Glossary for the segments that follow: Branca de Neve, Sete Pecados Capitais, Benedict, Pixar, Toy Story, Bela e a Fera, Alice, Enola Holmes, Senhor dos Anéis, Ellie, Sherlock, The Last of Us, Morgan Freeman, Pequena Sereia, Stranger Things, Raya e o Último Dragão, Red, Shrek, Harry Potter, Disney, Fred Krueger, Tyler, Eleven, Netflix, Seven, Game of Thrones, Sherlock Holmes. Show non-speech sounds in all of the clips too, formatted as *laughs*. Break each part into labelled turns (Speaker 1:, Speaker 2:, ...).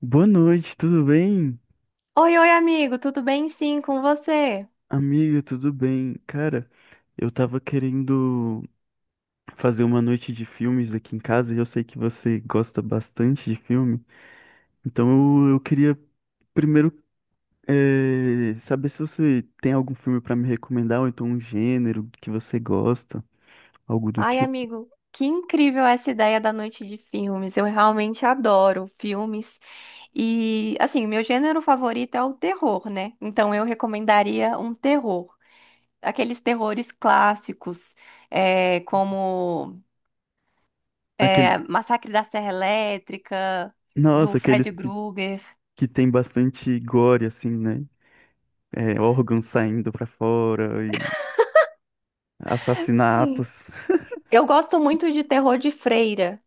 Speaker 1: Boa noite, tudo bem?
Speaker 2: Oi, oi, amigo, tudo bem? Sim, com você?
Speaker 1: Amiga, tudo bem? Cara, eu tava querendo fazer uma noite de filmes aqui em casa e eu sei que você gosta bastante de filme, então eu queria primeiro saber se você tem algum filme pra me recomendar, ou então um gênero que você gosta, algo do
Speaker 2: Ai,
Speaker 1: tipo.
Speaker 2: amigo, que incrível essa ideia da noite de filmes. Eu realmente adoro filmes. E, assim, meu gênero favorito é o terror, né? Então, eu recomendaria um terror. Aqueles terrores clássicos, como
Speaker 1: Aquele,
Speaker 2: Massacre da Serra Elétrica, do
Speaker 1: nossa,
Speaker 2: Fred Krueger.
Speaker 1: que tem bastante gore, assim, né? É, órgãos saindo pra fora e
Speaker 2: Sim.
Speaker 1: assassinatos.
Speaker 2: Eu gosto muito de terror de freira.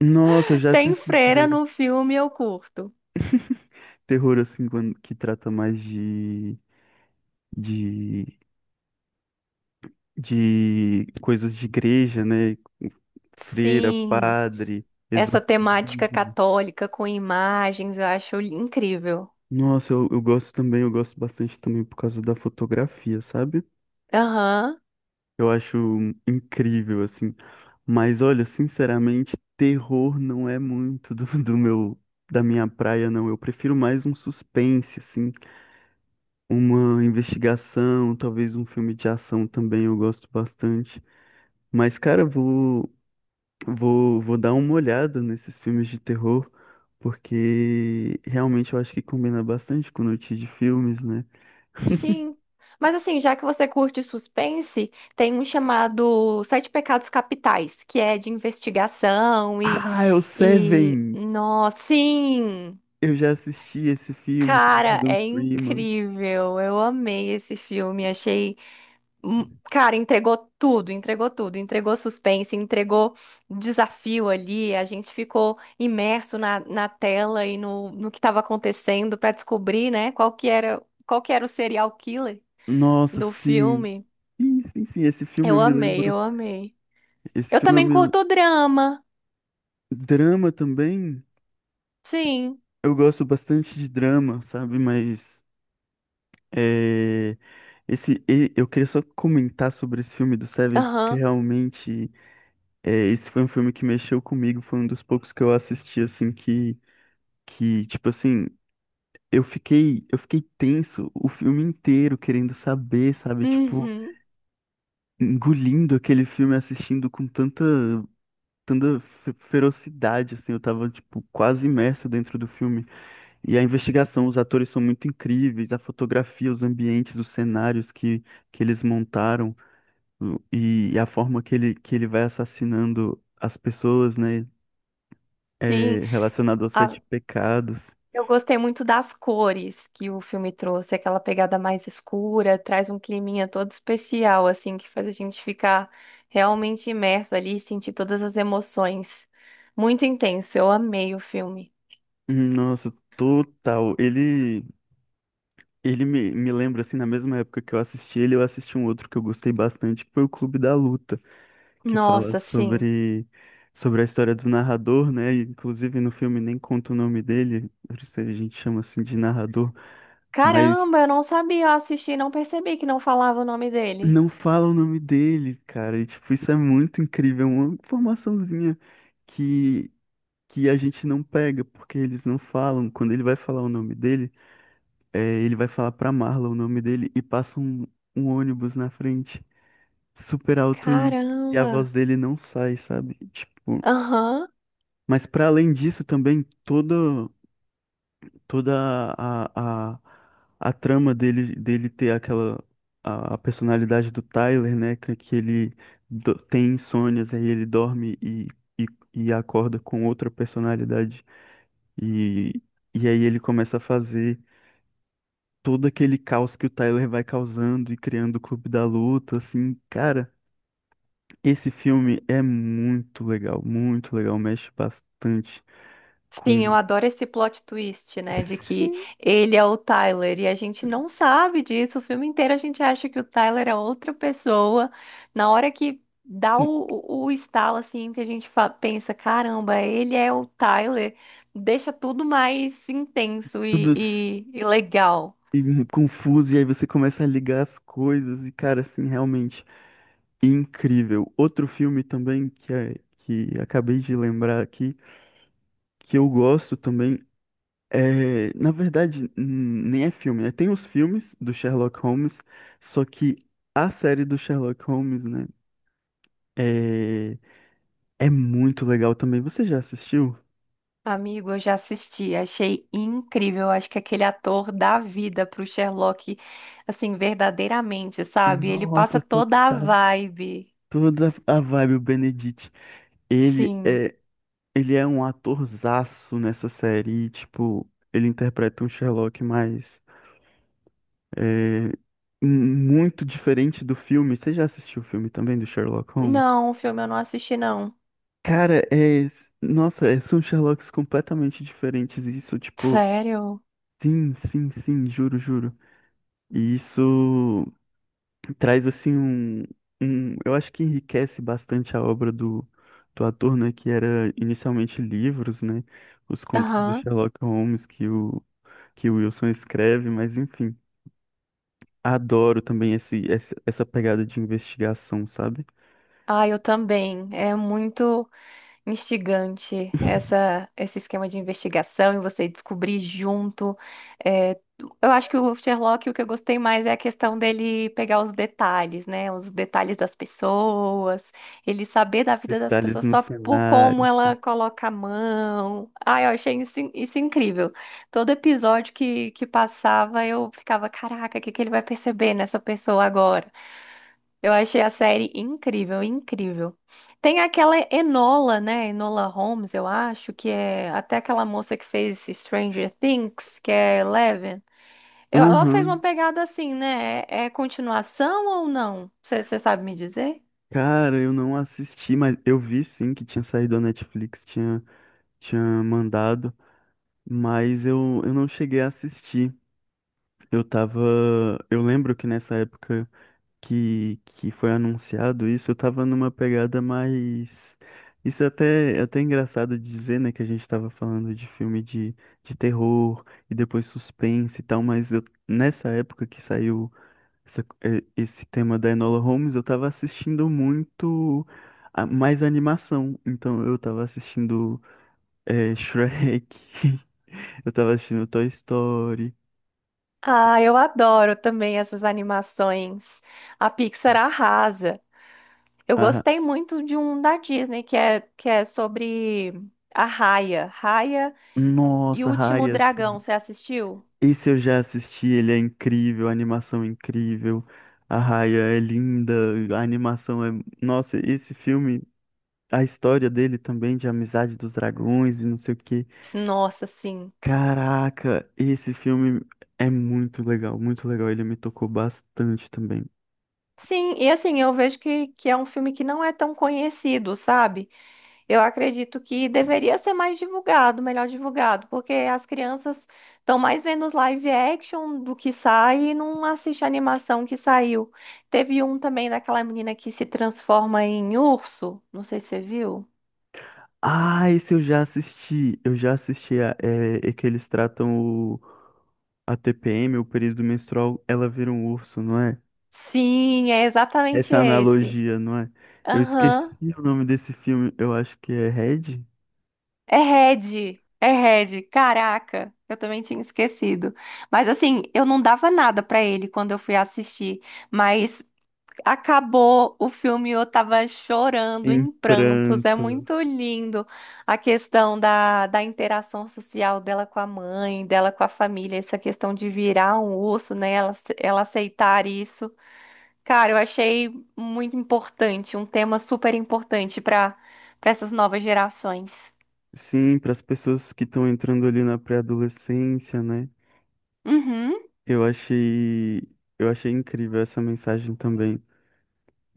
Speaker 1: Nossa, eu já
Speaker 2: Tem
Speaker 1: assisti
Speaker 2: freira no filme, eu curto.
Speaker 1: terror assim que trata mais de, de coisas de igreja, né? Freira,
Speaker 2: Sim.
Speaker 1: padre,
Speaker 2: Essa temática
Speaker 1: exorcismo.
Speaker 2: católica com imagens, eu acho incrível.
Speaker 1: Nossa, eu gosto também, eu gosto bastante também por causa da fotografia, sabe?
Speaker 2: Aham,
Speaker 1: Eu acho incrível, assim. Mas olha, sinceramente, terror não é muito do, *laughs* do meu, da minha praia, não. Eu prefiro mais um suspense, assim, uma investigação, talvez um filme de ação também eu gosto bastante. Mas, cara, vou dar uma olhada nesses filmes de terror, porque realmente eu acho que combina bastante com o notícia de filmes, né? *laughs*
Speaker 2: sim. Mas assim, já que você curte suspense, tem um chamado Sete Pecados Capitais, que é de investigação e,
Speaker 1: Ah, é o
Speaker 2: e...
Speaker 1: Seven!
Speaker 2: Nossa, sim!
Speaker 1: Eu já assisti esse filme com
Speaker 2: Cara,
Speaker 1: Morgan
Speaker 2: é
Speaker 1: Freeman.
Speaker 2: incrível. Eu amei esse filme, achei. Cara, entregou tudo, entregou suspense, entregou desafio ali. A gente ficou imerso na tela e no que estava acontecendo para descobrir, né, qual que era o serial killer
Speaker 1: Nossa,
Speaker 2: do
Speaker 1: sim.
Speaker 2: filme.
Speaker 1: Sim, sim, sim. Esse filme
Speaker 2: Eu
Speaker 1: eu me
Speaker 2: amei,
Speaker 1: lembro.
Speaker 2: eu amei.
Speaker 1: Esse
Speaker 2: Eu
Speaker 1: filme eu
Speaker 2: também
Speaker 1: me.
Speaker 2: curto drama,
Speaker 1: Drama também.
Speaker 2: sim.
Speaker 1: Eu gosto bastante de drama, sabe? Mas. É... Esse, eu queria só comentar sobre esse filme do Seven, porque
Speaker 2: Aham.
Speaker 1: realmente. É, esse foi um filme que mexeu comigo, foi um dos poucos que eu assisti, assim, tipo assim, eu fiquei tenso o filme inteiro, querendo saber, sabe, tipo,
Speaker 2: Uhum.
Speaker 1: engolindo aquele filme, assistindo com tanta, tanta ferocidade, assim, eu tava, tipo, quase imerso dentro do filme. E a investigação, os atores são muito incríveis, a fotografia, os ambientes, que eles montaram, e a forma que ele vai assassinando as pessoas, né?
Speaker 2: Sim.
Speaker 1: É, relacionado aos sete pecados.
Speaker 2: Eu gostei muito das cores que o filme trouxe, aquela pegada mais escura, traz um climinha todo especial, assim, que faz a gente ficar realmente imerso ali e sentir todas as emoções. Muito intenso, eu amei o filme.
Speaker 1: Nossa, total. Ele, me lembra, assim, na mesma época que eu assisti ele, eu assisti um outro que eu gostei bastante, que foi o Clube da Luta, que fala
Speaker 2: Nossa, sim.
Speaker 1: sobre a história do narrador, né? E inclusive no filme nem conta o nome dele, por isso a gente chama assim de narrador, mas
Speaker 2: Caramba, eu não sabia, eu assisti e não percebi que não falava o nome dele.
Speaker 1: não fala o nome dele, cara. E, tipo, isso é muito incrível, é uma que, que a gente não pega, porque eles não falam. Quando ele vai falar o nome dele. É, ele vai falar pra Marla o nome dele e passa um ônibus na frente, super alto e a
Speaker 2: Caramba.
Speaker 1: voz dele não sai, sabe? Tipo,
Speaker 2: Aham.
Speaker 1: mas pra além disso também toda a, a, a trama dele ter aquela a personalidade do Tyler, né, que ele tem insônias, aí ele dorme e, e acorda com outra personalidade e E aí ele começa a fazer todo aquele caos que o Tyler vai causando e criando o Clube da Luta, assim, cara, esse filme é muito legal, mexe bastante
Speaker 2: Sim, eu
Speaker 1: com.
Speaker 2: adoro esse plot twist, né? De que
Speaker 1: Sim,
Speaker 2: ele é o Tyler e a gente não sabe disso. O filme inteiro a gente acha que o Tyler é outra pessoa. Na hora que dá o estalo, assim, que a gente pensa: caramba, ele é o Tyler, deixa tudo mais intenso
Speaker 1: tudo s-
Speaker 2: e legal.
Speaker 1: e mu- confuso e aí você começa a ligar as coisas e cara, assim, realmente incrível. Outro filme também que é, que acabei de lembrar aqui que eu gosto também. É, na verdade, nem é filme, né? Tem os filmes do Sherlock Holmes, só que a série do Sherlock Holmes, né? É, é muito legal também. Você já assistiu?
Speaker 2: Amigo, eu já assisti, achei incrível. Acho que aquele ator dá vida pro Sherlock, assim, verdadeiramente, sabe? Ele passa
Speaker 1: Nossa, total,
Speaker 2: toda a vibe.
Speaker 1: toda a vibe o Benedict. Ele
Speaker 2: Sim.
Speaker 1: é, ele é um atorzaço nessa série. E, tipo, ele interpreta um Sherlock mais é, m- muito diferente do filme. Você já assistiu o filme também do Sherlock Holmes?
Speaker 2: Não, o filme eu não assisti, não.
Speaker 1: Cara, é. Nossa, são Sherlocks completamente diferentes. E isso, tipo,
Speaker 2: Sério?
Speaker 1: sim, sim, sim, juro, juro. E isso traz, assim, um, um. Eu acho que enriquece bastante a obra do, do ator, né? Que era inicialmente livros, né? Os contos do
Speaker 2: Aham.
Speaker 1: Sherlock Holmes que o Wilson escreve, mas enfim. Adoro também essa pegada de investigação, sabe?
Speaker 2: Ah, eu também. É muito instigante esse esquema de investigação e você descobrir junto. É, eu acho que o Sherlock, o que eu gostei mais é a questão dele pegar os detalhes, né? Os detalhes das pessoas, ele saber da vida das
Speaker 1: Detalhes
Speaker 2: pessoas
Speaker 1: no
Speaker 2: só por como
Speaker 1: cenário.
Speaker 2: ela coloca a mão. Ai, eu achei isso incrível. Todo episódio que passava, eu ficava, caraca, o que ele vai perceber nessa pessoa agora? Eu achei a série incrível, incrível. Tem aquela Enola, né? Enola Holmes, eu acho, que é até aquela moça que fez Stranger Things, que é Eleven. Ela fez uma
Speaker 1: Aham.
Speaker 2: pegada assim, né? É, é continuação ou não? Você sabe me dizer?
Speaker 1: Cara, eu não assisti, mas eu vi sim que tinha saído da Netflix, tinha, tinha mandado, mas eu não cheguei a assistir. Eu tava. Eu lembro que nessa época que foi anunciado isso, eu tava numa pegada mais. Isso é até engraçado de dizer, né? Que a gente tava falando de filme de terror e depois suspense e tal, mas eu, nessa época que saiu. Esse tema da Enola Holmes, eu tava assistindo muito mais animação. Então eu tava assistindo Shrek, *laughs* eu tava assistindo Toy Story.
Speaker 2: Ah, eu adoro também essas animações. A Pixar arrasa. Eu
Speaker 1: a-
Speaker 2: gostei muito de um da Disney, que é sobre a Raya. Raya e o
Speaker 1: Nossa,
Speaker 2: Último
Speaker 1: Raya, assim.
Speaker 2: Dragão, você assistiu?
Speaker 1: Esse eu já assisti, ele é incrível, a animação é incrível. A Raya é linda, a animação é. Nossa, esse filme, a história dele também, de amizade dos dragões e não sei o quê.
Speaker 2: Nossa, sim.
Speaker 1: Caraca, esse filme é muito legal, muito legal. Ele me tocou bastante também.
Speaker 2: Sim, e assim, eu vejo que é um filme que não é tão conhecido, sabe? Eu acredito que deveria ser mais divulgado, melhor divulgado, porque as crianças estão mais vendo os live action do que sai e não assiste a animação que saiu. Teve um também daquela menina que se transforma em urso, não sei se você viu.
Speaker 1: Ah, esse eu já assisti. Eu já assisti a, é, é que eles tratam o, a TPM, o período menstrual, ela vira um urso, não é?
Speaker 2: Sim, é exatamente
Speaker 1: Essa
Speaker 2: esse.
Speaker 1: analogia, não é? Eu esqueci
Speaker 2: Aham.
Speaker 1: o nome desse filme. Eu acho que é Red?
Speaker 2: É Red, caraca, eu também tinha esquecido. Mas assim, eu não dava nada pra ele quando eu fui assistir, mas acabou o filme, eu tava chorando
Speaker 1: Em
Speaker 2: em prantos. É
Speaker 1: pranto.
Speaker 2: muito lindo a questão da interação social dela com a mãe, dela com a família, essa questão de virar um urso, né? Ela, ela aceitar isso. Cara, eu achei muito importante, um tema super importante para essas novas gerações.
Speaker 1: Sim, para as pessoas que estão entrando ali na pré-adolescência, né?
Speaker 2: Uhum.
Speaker 1: Eu achei, eu achei incrível essa mensagem também.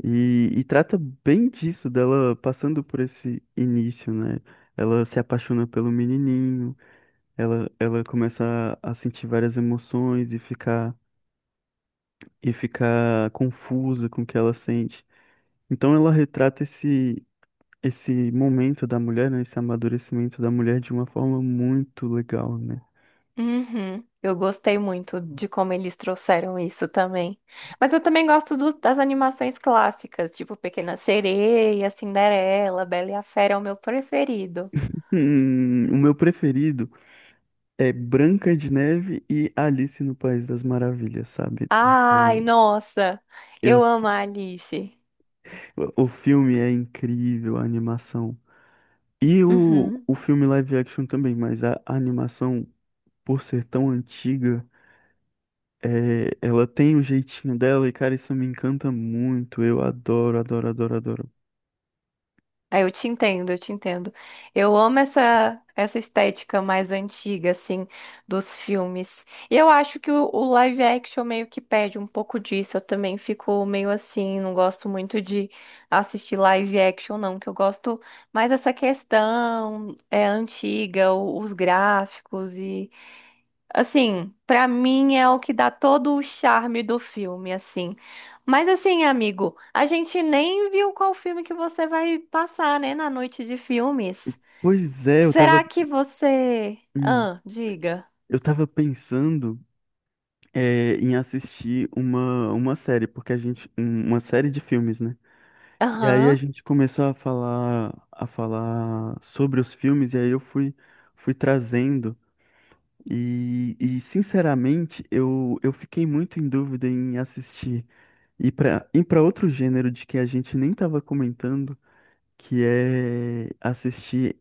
Speaker 1: E trata bem disso, dela passando por esse início, né? Ela se apaixona pelo menininho, ela começa a sentir várias emoções e ficar confusa com o que ela sente. Então ela retrata esse momento da mulher, né? Esse amadurecimento da mulher de uma forma muito legal, né?
Speaker 2: Uhum. Eu gostei muito de como eles trouxeram isso também. Mas eu também gosto das animações clássicas, tipo Pequena Sereia, Cinderela, Bela e a Fera é o meu preferido.
Speaker 1: O meu preferido é Branca de Neve e Alice no País das Maravilhas, sabe?
Speaker 2: Ai,
Speaker 1: Porque
Speaker 2: nossa,
Speaker 1: eu.
Speaker 2: eu amo a Alice.
Speaker 1: O filme é incrível, a animação. E
Speaker 2: Uhum.
Speaker 1: o filme live action também, mas a animação, por ser tão antiga, é, ela tem o jeitinho dela e, cara, isso me encanta muito. Eu adoro, adoro, adoro, adoro.
Speaker 2: Ah, eu te entendo, eu te entendo. Eu amo essa estética mais antiga, assim, dos filmes. E eu acho que o live action meio que perde um pouco disso. Eu também fico meio assim, não gosto muito de assistir live action, não, que eu gosto mais dessa questão é antiga, os gráficos e assim, pra mim é o que dá todo o charme do filme, assim. Mas assim, amigo, a gente nem viu qual filme que você vai passar, né, na noite de filmes.
Speaker 1: Pois é,
Speaker 2: Será que você...
Speaker 1: hum,
Speaker 2: Ah, diga.
Speaker 1: eu tava pensando, é, em assistir uma série, porque a gente, uma série de filmes, né? E aí a
Speaker 2: Aham.
Speaker 1: gente começou a falar sobre os filmes, e aí eu fui, fui trazendo. Sinceramente, eu fiquei muito em dúvida em assistir e para ir para outro gênero de que a gente nem estava comentando, que é assistir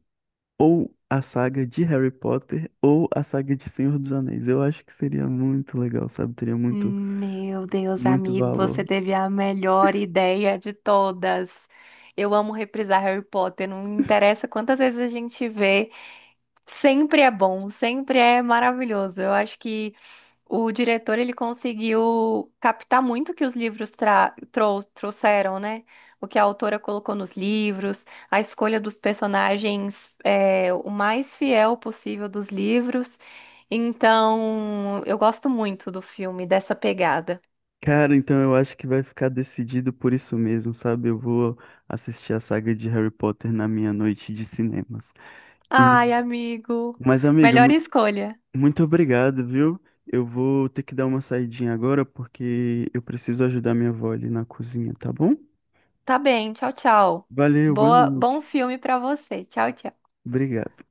Speaker 1: ou a saga de Harry Potter ou a saga de Senhor dos Anéis. Eu acho que seria muito legal, sabe? Teria muito,
Speaker 2: Meu Deus,
Speaker 1: muito
Speaker 2: amigo,
Speaker 1: valor.
Speaker 2: você teve a melhor ideia de todas. Eu amo reprisar Harry Potter, não interessa quantas vezes a gente vê, sempre é bom, sempre é maravilhoso. Eu acho que o diretor ele conseguiu captar muito o que os livros trouxeram, né? O que a autora colocou nos livros, a escolha dos personagens é, o mais fiel possível dos livros. Então, eu gosto muito do filme, dessa pegada.
Speaker 1: Cara, então eu acho que vai ficar decidido por isso mesmo, sabe? Eu vou assistir a saga de Harry Potter na minha noite de cinemas. E,
Speaker 2: Ai, amigo,
Speaker 1: mas, amiga,
Speaker 2: melhor escolha.
Speaker 1: muito obrigado, viu? Eu vou ter que dar uma saidinha agora porque eu preciso ajudar minha avó ali na cozinha, tá bom?
Speaker 2: Tá bem, tchau, tchau.
Speaker 1: Valeu, boa
Speaker 2: Boa, bom
Speaker 1: noite.
Speaker 2: filme pra você. Tchau, tchau.
Speaker 1: Obrigado.